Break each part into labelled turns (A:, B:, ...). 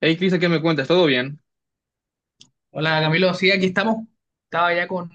A: Hey, Cristian, ¿qué me cuentas? ¿Todo bien?
B: Hola Camilo, sí, aquí estamos. Estaba ya con...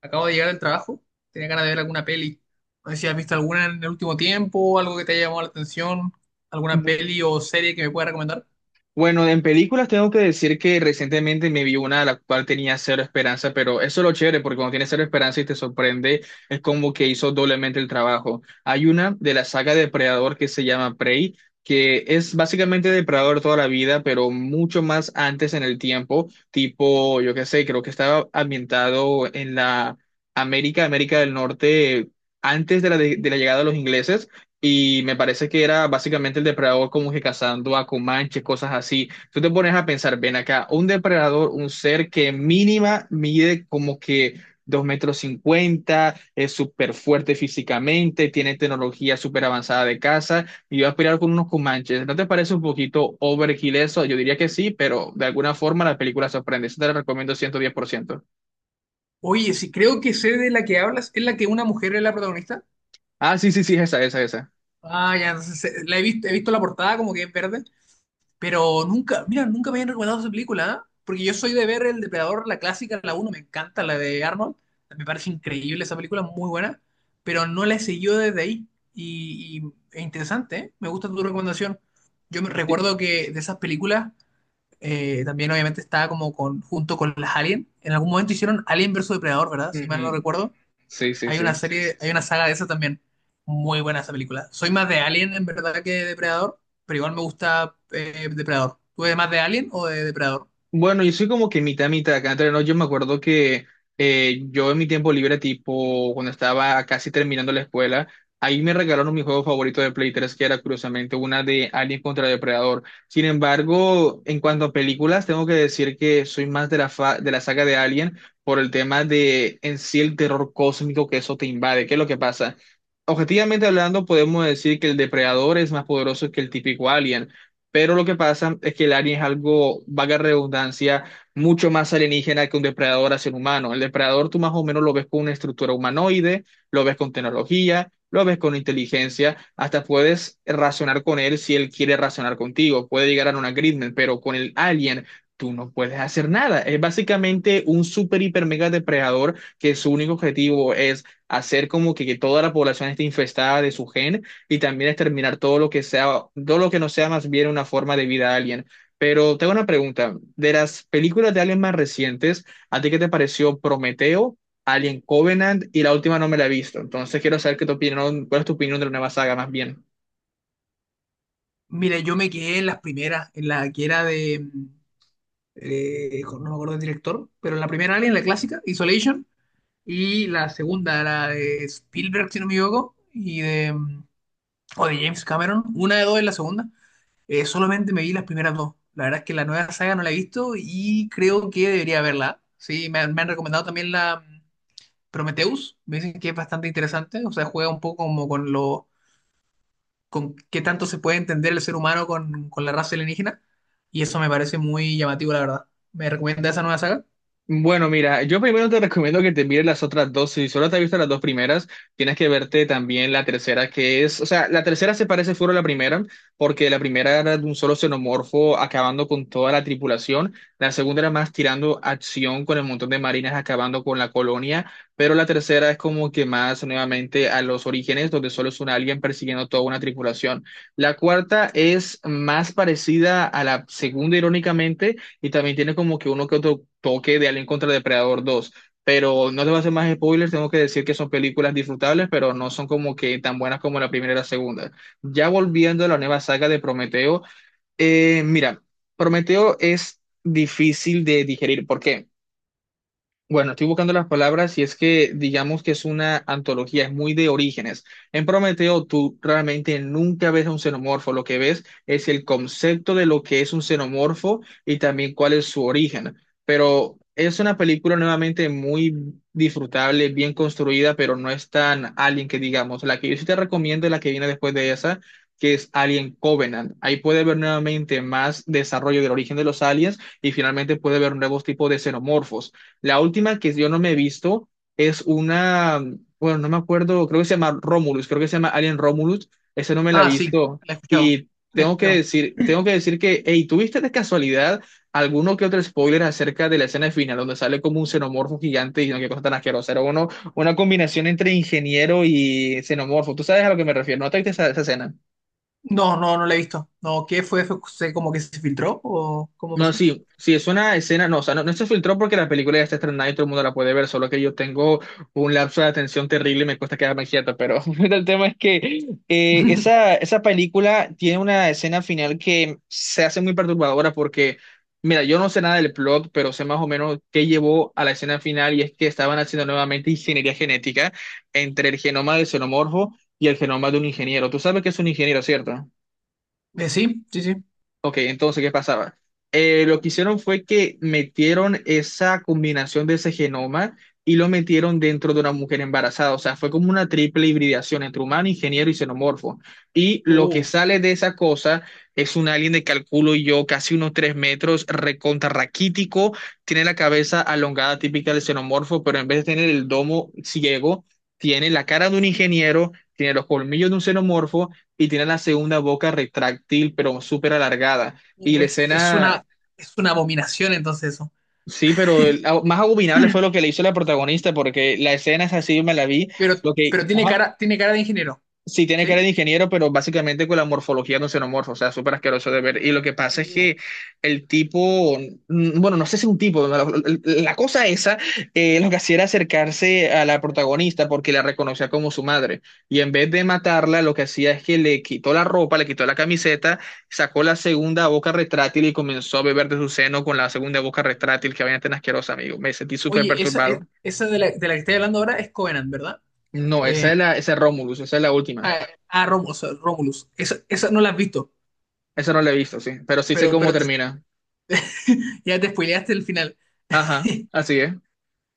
B: Acabo de llegar del trabajo. Tenía ganas de ver alguna peli. No sé si has visto alguna en el último tiempo, algo que te haya llamado la atención, alguna
A: Bu-
B: peli o serie que me pueda recomendar.
A: Bueno, en películas tengo que decir que recientemente me vi una la cual tenía cero esperanza, pero eso es lo chévere, porque cuando tienes cero esperanza y te sorprende, es como que hizo doblemente el trabajo. Hay una de la saga Depredador que se llama Prey, que es básicamente Depredador toda la vida, pero mucho más antes en el tiempo, tipo, yo qué sé, creo que estaba ambientado en la América, América del Norte, antes de la llegada de los ingleses. Y me parece que era básicamente el depredador como que cazando a comanches, cosas así. Tú te pones a pensar, ven acá, un depredador, un ser que mínima mide como que 2,50 metros, es súper fuerte físicamente, tiene tecnología súper avanzada de caza y va a pelear con unos comanches. ¿No te parece un poquito overkill eso? Yo diría que sí, pero de alguna forma la película sorprende. Eso te la recomiendo 110%.
B: Oye, sí, creo que sé de la que hablas. ¿Es la que una mujer es la protagonista?
A: Ah, sí, sí, sí, esa, esa, esa.
B: Ah, ya, entonces, la he visto la portada como que es verde. Pero nunca, mira, nunca me habían recomendado esa película, ¿ah? Porque yo soy de ver El Depredador, la clásica, la uno me encanta, la de Arnold. Me parece increíble esa película, muy buena. Pero no la he seguido desde ahí. Y, e interesante, ¿eh? Me gusta tu recomendación. Yo me
A: Sí,
B: recuerdo que de esas películas también obviamente estaba como con, junto con las Alien. En algún momento hicieron Alien versus Depredador, ¿verdad? Si mal no
A: ujú.
B: recuerdo.
A: Sí, sí,
B: Hay una
A: sí.
B: serie, hay una saga de esa también. Muy buena esa película. Soy más de Alien en verdad que de Depredador, pero igual me gusta Depredador. ¿Tú eres más de Alien o de Depredador?
A: Bueno, yo soy como que mitad, mitad acá entre nos. Yo me acuerdo que yo en mi tiempo libre, tipo cuando estaba casi terminando la escuela, ahí me regalaron mi juego favorito de Play 3, que era curiosamente una de Alien contra Depredador. Sin embargo, en cuanto a películas, tengo que decir que soy más de de la saga de Alien por el tema de en sí el terror cósmico que eso te invade. ¿Qué es lo que pasa? Objetivamente hablando, podemos decir que el Depredador es más poderoso que el típico Alien. Pero lo que pasa es que el alien es algo, vaga redundancia, mucho más alienígena que un depredador hacia un humano. El depredador tú más o menos lo ves con una estructura humanoide, lo ves con tecnología, lo ves con inteligencia, hasta puedes razonar con él si él quiere razonar contigo, puede llegar a un agreement, pero con el alien tú no puedes hacer nada. Es básicamente un super, hiper, mega depredador que su único objetivo es hacer como que toda la población esté infestada de su gen y también exterminar todo lo que sea, todo lo que no sea más bien una forma de vida alien. Pero tengo una pregunta, de las películas de alien más recientes, ¿a ti qué te pareció Prometeo, Alien Covenant y la última no me la he visto? Entonces quiero saber qué tu opinión, cuál es tu opinión de la nueva saga más bien.
B: Mire, yo me quedé en las primeras, en la que era de, no me acuerdo del director, pero en la primera Alien, la clásica, Isolation, y la segunda, la de Spielberg, si no me equivoco, o de James Cameron, una de dos es la segunda. Solamente me vi las primeras dos. La verdad es que la nueva saga no la he visto y creo que debería verla. Sí, me han recomendado también la Prometheus. Me dicen que es bastante interesante. O sea, juega un poco como con qué tanto se puede entender el ser humano con la raza alienígena. Y eso me parece muy llamativo, la verdad. ¿Me recomienda esa nueva saga?
A: Bueno, mira, yo primero te recomiendo que te mires las otras dos. Si solo te has visto las dos primeras, tienes que verte también la tercera, que es, o sea, la tercera se parece fuera a la primera, porque la primera era de un solo xenomorfo acabando con toda la tripulación. La segunda era más tirando acción con el montón de marines acabando con la colonia, pero la tercera es como que más nuevamente a los orígenes, donde solo es un alien persiguiendo toda una tripulación. La cuarta es más parecida a la segunda, irónicamente, y también tiene como que uno que otro toque de Alien contra Depredador dos. Pero no te voy a hacer más spoilers, tengo que decir que son películas disfrutables, pero no son como que tan buenas como la primera y la segunda. Ya volviendo a la nueva saga de Prometeo, mira, Prometeo es difícil de digerir. ¿Por qué? Bueno, estoy buscando las palabras y es que digamos que es una antología, es muy de orígenes. En Prometeo tú realmente nunca ves a un xenomorfo, lo que ves es el concepto de lo que es un xenomorfo y también cuál es su origen. Pero es una película nuevamente muy disfrutable, bien construida, pero no es tan Alien que digamos. La que yo sí te recomiendo es la que viene después de esa, que es Alien Covenant. Ahí puede ver nuevamente más desarrollo del origen de los aliens y finalmente puede ver nuevos tipos de xenomorfos. La última que yo no me he visto es una, bueno, no me acuerdo, creo que se llama Romulus, creo que se llama Alien Romulus, esa no me la he
B: Ah, sí,
A: visto.
B: la he escuchado.
A: Y
B: La he escuchado.
A: tengo que decir que, hey, ¿tuviste de casualidad alguno que otro spoiler acerca de la escena final, donde sale como un xenomorfo gigante y no, qué cosa tan asquerosa? Era uno, una combinación entre ingeniero y xenomorfo. ¿Tú sabes a lo que me refiero? ¿No te viste esa escena?
B: No, no, no la he visto. No, ¿qué fue? ¿Fue como que se filtró o cómo
A: No,
B: pasó?
A: sí, sí, es una escena, no, o sea, no, no se filtró porque la película ya está estrenada y todo el mundo la puede ver, solo que yo tengo un lapso de atención terrible y me cuesta quedarme quieto, pero el tema es que esa película tiene una escena final que se hace muy perturbadora porque, mira, yo no sé nada del plot, pero sé más o menos qué llevó a la escena final y es que estaban haciendo nuevamente ingeniería genética entre el genoma del xenomorfo y el genoma de un ingeniero. Tú sabes que es un ingeniero, ¿cierto?
B: Sí, sí, sí.
A: Ok, entonces, ¿qué pasaba? Lo que hicieron fue que metieron esa combinación de ese genoma y lo metieron dentro de una mujer embarazada. O sea, fue como una triple hibridación entre humano, ingeniero y xenomorfo. Y lo que
B: Uh,
A: sale de esa cosa es un alien de calculo yo, casi unos 3 metros, recontra raquítico. Tiene la cabeza alongada típica del xenomorfo, pero en vez de tener el domo ciego, tiene la cara de un ingeniero, tiene los colmillos de un xenomorfo y tiene la segunda boca retráctil, pero súper alargada. Y
B: uh,
A: la escena,
B: es una abominación entonces eso.
A: sí, pero más abominable fue lo que le hizo la protagonista, porque la escena es así, me la vi,
B: Pero,
A: lo que,
B: pero
A: ajá,
B: tiene cara de ingeniero,
A: sí, tiene
B: ¿sí?
A: cara de ingeniero, pero básicamente con la morfología de un xenomorfo, o sea, súper asqueroso de ver. Y lo que pasa es
B: Uh,
A: que el tipo, bueno, no sé si un tipo, la cosa esa, lo que hacía era acercarse a la protagonista porque la reconocía como su madre. Y en vez de matarla, lo que hacía es que le quitó la ropa, le quitó la camiseta, sacó la segunda boca retráctil y comenzó a beber de su seno con la segunda boca retráctil que vaina tan asquerosa, amigo. Me sentí súper
B: oye, esa,
A: perturbado.
B: e- esa de la que estoy hablando ahora es Covenant, ¿verdad?
A: No,
B: Eh,
A: esa es la, esa es Romulus, esa es la última.
B: Romulus, Romulus. Esa no la has visto,
A: Eso no lo he visto, sí, pero sí sé
B: pero,
A: cómo
B: pero te-
A: termina.
B: ya te spoileaste el final.
A: Ajá, así es.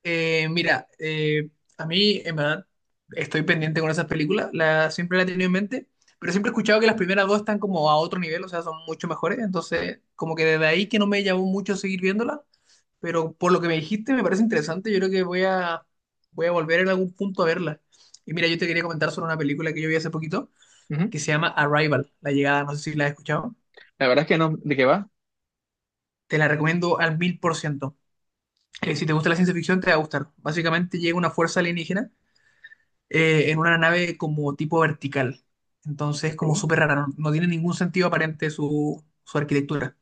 B: Eh, mira, eh, a mí, en verdad, estoy pendiente con esas películas, la, siempre la he tenido en mente, pero siempre he escuchado que las primeras dos están como a otro nivel, o sea, son mucho mejores, entonces como que desde ahí que no me llamó mucho seguir viéndola, pero por lo que me dijiste me parece interesante, yo creo que voy a, voy a volver en algún punto a verla. Y mira, yo te quería comentar sobre una película que yo vi hace poquito,
A: Ujú.
B: que se llama Arrival, La Llegada, no sé si la has escuchado,
A: La verdad es que no, ¿de qué va?
B: te la recomiendo al 1000%. Si te gusta la ciencia ficción, te va a gustar. Básicamente llega una fuerza alienígena en una nave como tipo vertical. Entonces, como
A: Ok.
B: súper rara, no, no tiene ningún sentido aparente su arquitectura.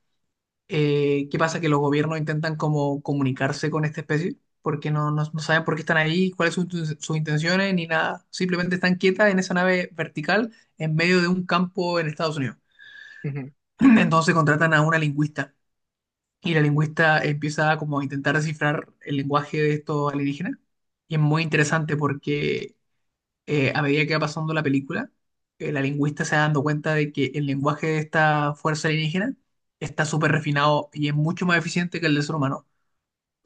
B: ¿Qué pasa? Que los gobiernos intentan como comunicarse con esta especie, porque no saben por qué están ahí, cuáles son sus intenciones, ni nada. Simplemente están quietas en esa nave vertical en medio de un campo en Estados Unidos.
A: Ujú.
B: Entonces contratan a una lingüista. Y la lingüista empieza como a intentar descifrar el lenguaje de estos alienígenas. Y es muy interesante porque a medida que va pasando la película, la lingüista se va dando cuenta de que el lenguaje de esta fuerza alienígena está súper refinado y es mucho más eficiente que el del ser humano.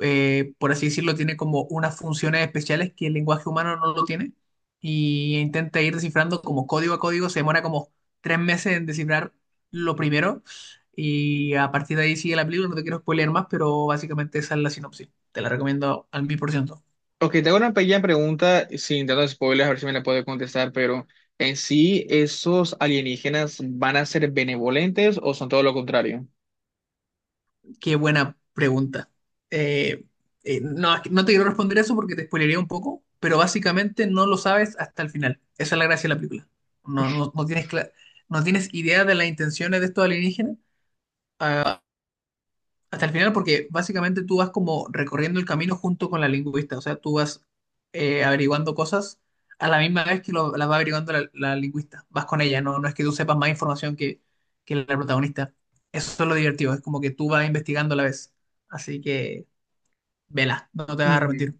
B: Por así decirlo, tiene como unas funciones especiales que el lenguaje humano no lo tiene y intenta ir descifrando como código a código. Se demora como 3 meses en descifrar lo primero y a partir de ahí sigue la película. No te quiero spoiler más, pero básicamente esa es la sinopsis. Te la recomiendo al mil por ciento.
A: Ok, tengo una pequeña pregunta, sin tantos spoilers, a ver si me la puede contestar, pero en sí, ¿esos alienígenas van a ser benevolentes o son todo lo contrario?
B: Qué buena pregunta. Eh, no, no te quiero responder eso porque te spoilería un poco, pero básicamente no lo sabes hasta el final. Esa es la gracia de la película. No, no tienes idea de las intenciones de estos alienígenas. Ah, hasta el final, porque básicamente tú vas como recorriendo el camino junto con la lingüista, o sea, tú vas averiguando cosas a la misma vez que las va averiguando la lingüista, vas con ella, no, no es que tú sepas más información que la protagonista. Eso es lo divertido, es como que tú vas investigando a la vez. Así que, vela, no te vas a arrepentir.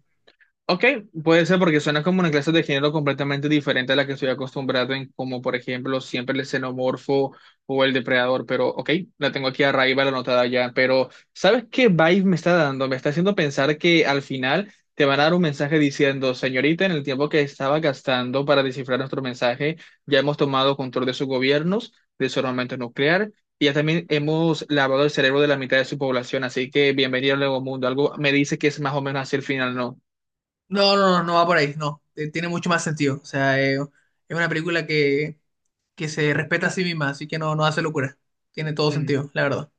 A: Ok, puede ser porque suena como una clase de género completamente diferente a la que estoy acostumbrado en, como por ejemplo, siempre el xenomorfo o el depredador, pero ok, la tengo aquí arriba, la anotada ya, pero ¿sabes qué vibe me está dando? Me está haciendo pensar que al final te van a dar un mensaje diciendo, señorita, en el tiempo que estaba gastando para descifrar nuestro mensaje, ya hemos tomado control de sus gobiernos, de su armamento nuclear. Y ya también hemos lavado el cerebro de la mitad de su población, así que bienvenido al nuevo mundo. Algo me dice que es más o menos así el final, ¿no?
B: No, no, no, no va por ahí, no. Tiene mucho más sentido, o sea, es una película que se respeta a sí misma, así que no, no hace locura. Tiene todo
A: Mm.
B: sentido, la verdad.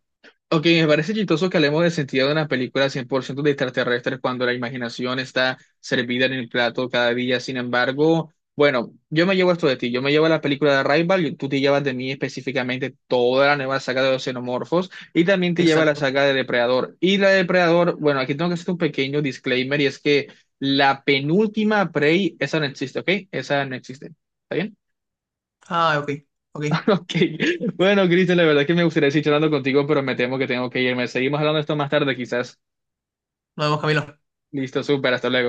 A: Ok, me parece chistoso que hablemos del sentido de una película 100% de extraterrestres cuando la imaginación está servida en el plato cada día. Sin embargo, bueno, yo me llevo esto de ti. Yo me llevo la película de Arrival y tú te llevas de mí específicamente toda la nueva saga de los xenomorfos y también te lleva la
B: Exacto.
A: saga de Depredador. Y la de Depredador, bueno, aquí tengo que hacer un pequeño disclaimer y es que la penúltima Prey, esa no existe, ¿ok? Esa no existe. ¿Está bien?
B: Ah, ok, ok.
A: Ok, bueno, Cristian, la verdad es que me gustaría seguir charlando contigo, pero me temo que tengo que irme. Seguimos hablando de esto más tarde, quizás.
B: Nos vemos, Camilo.
A: Listo, súper, hasta luego.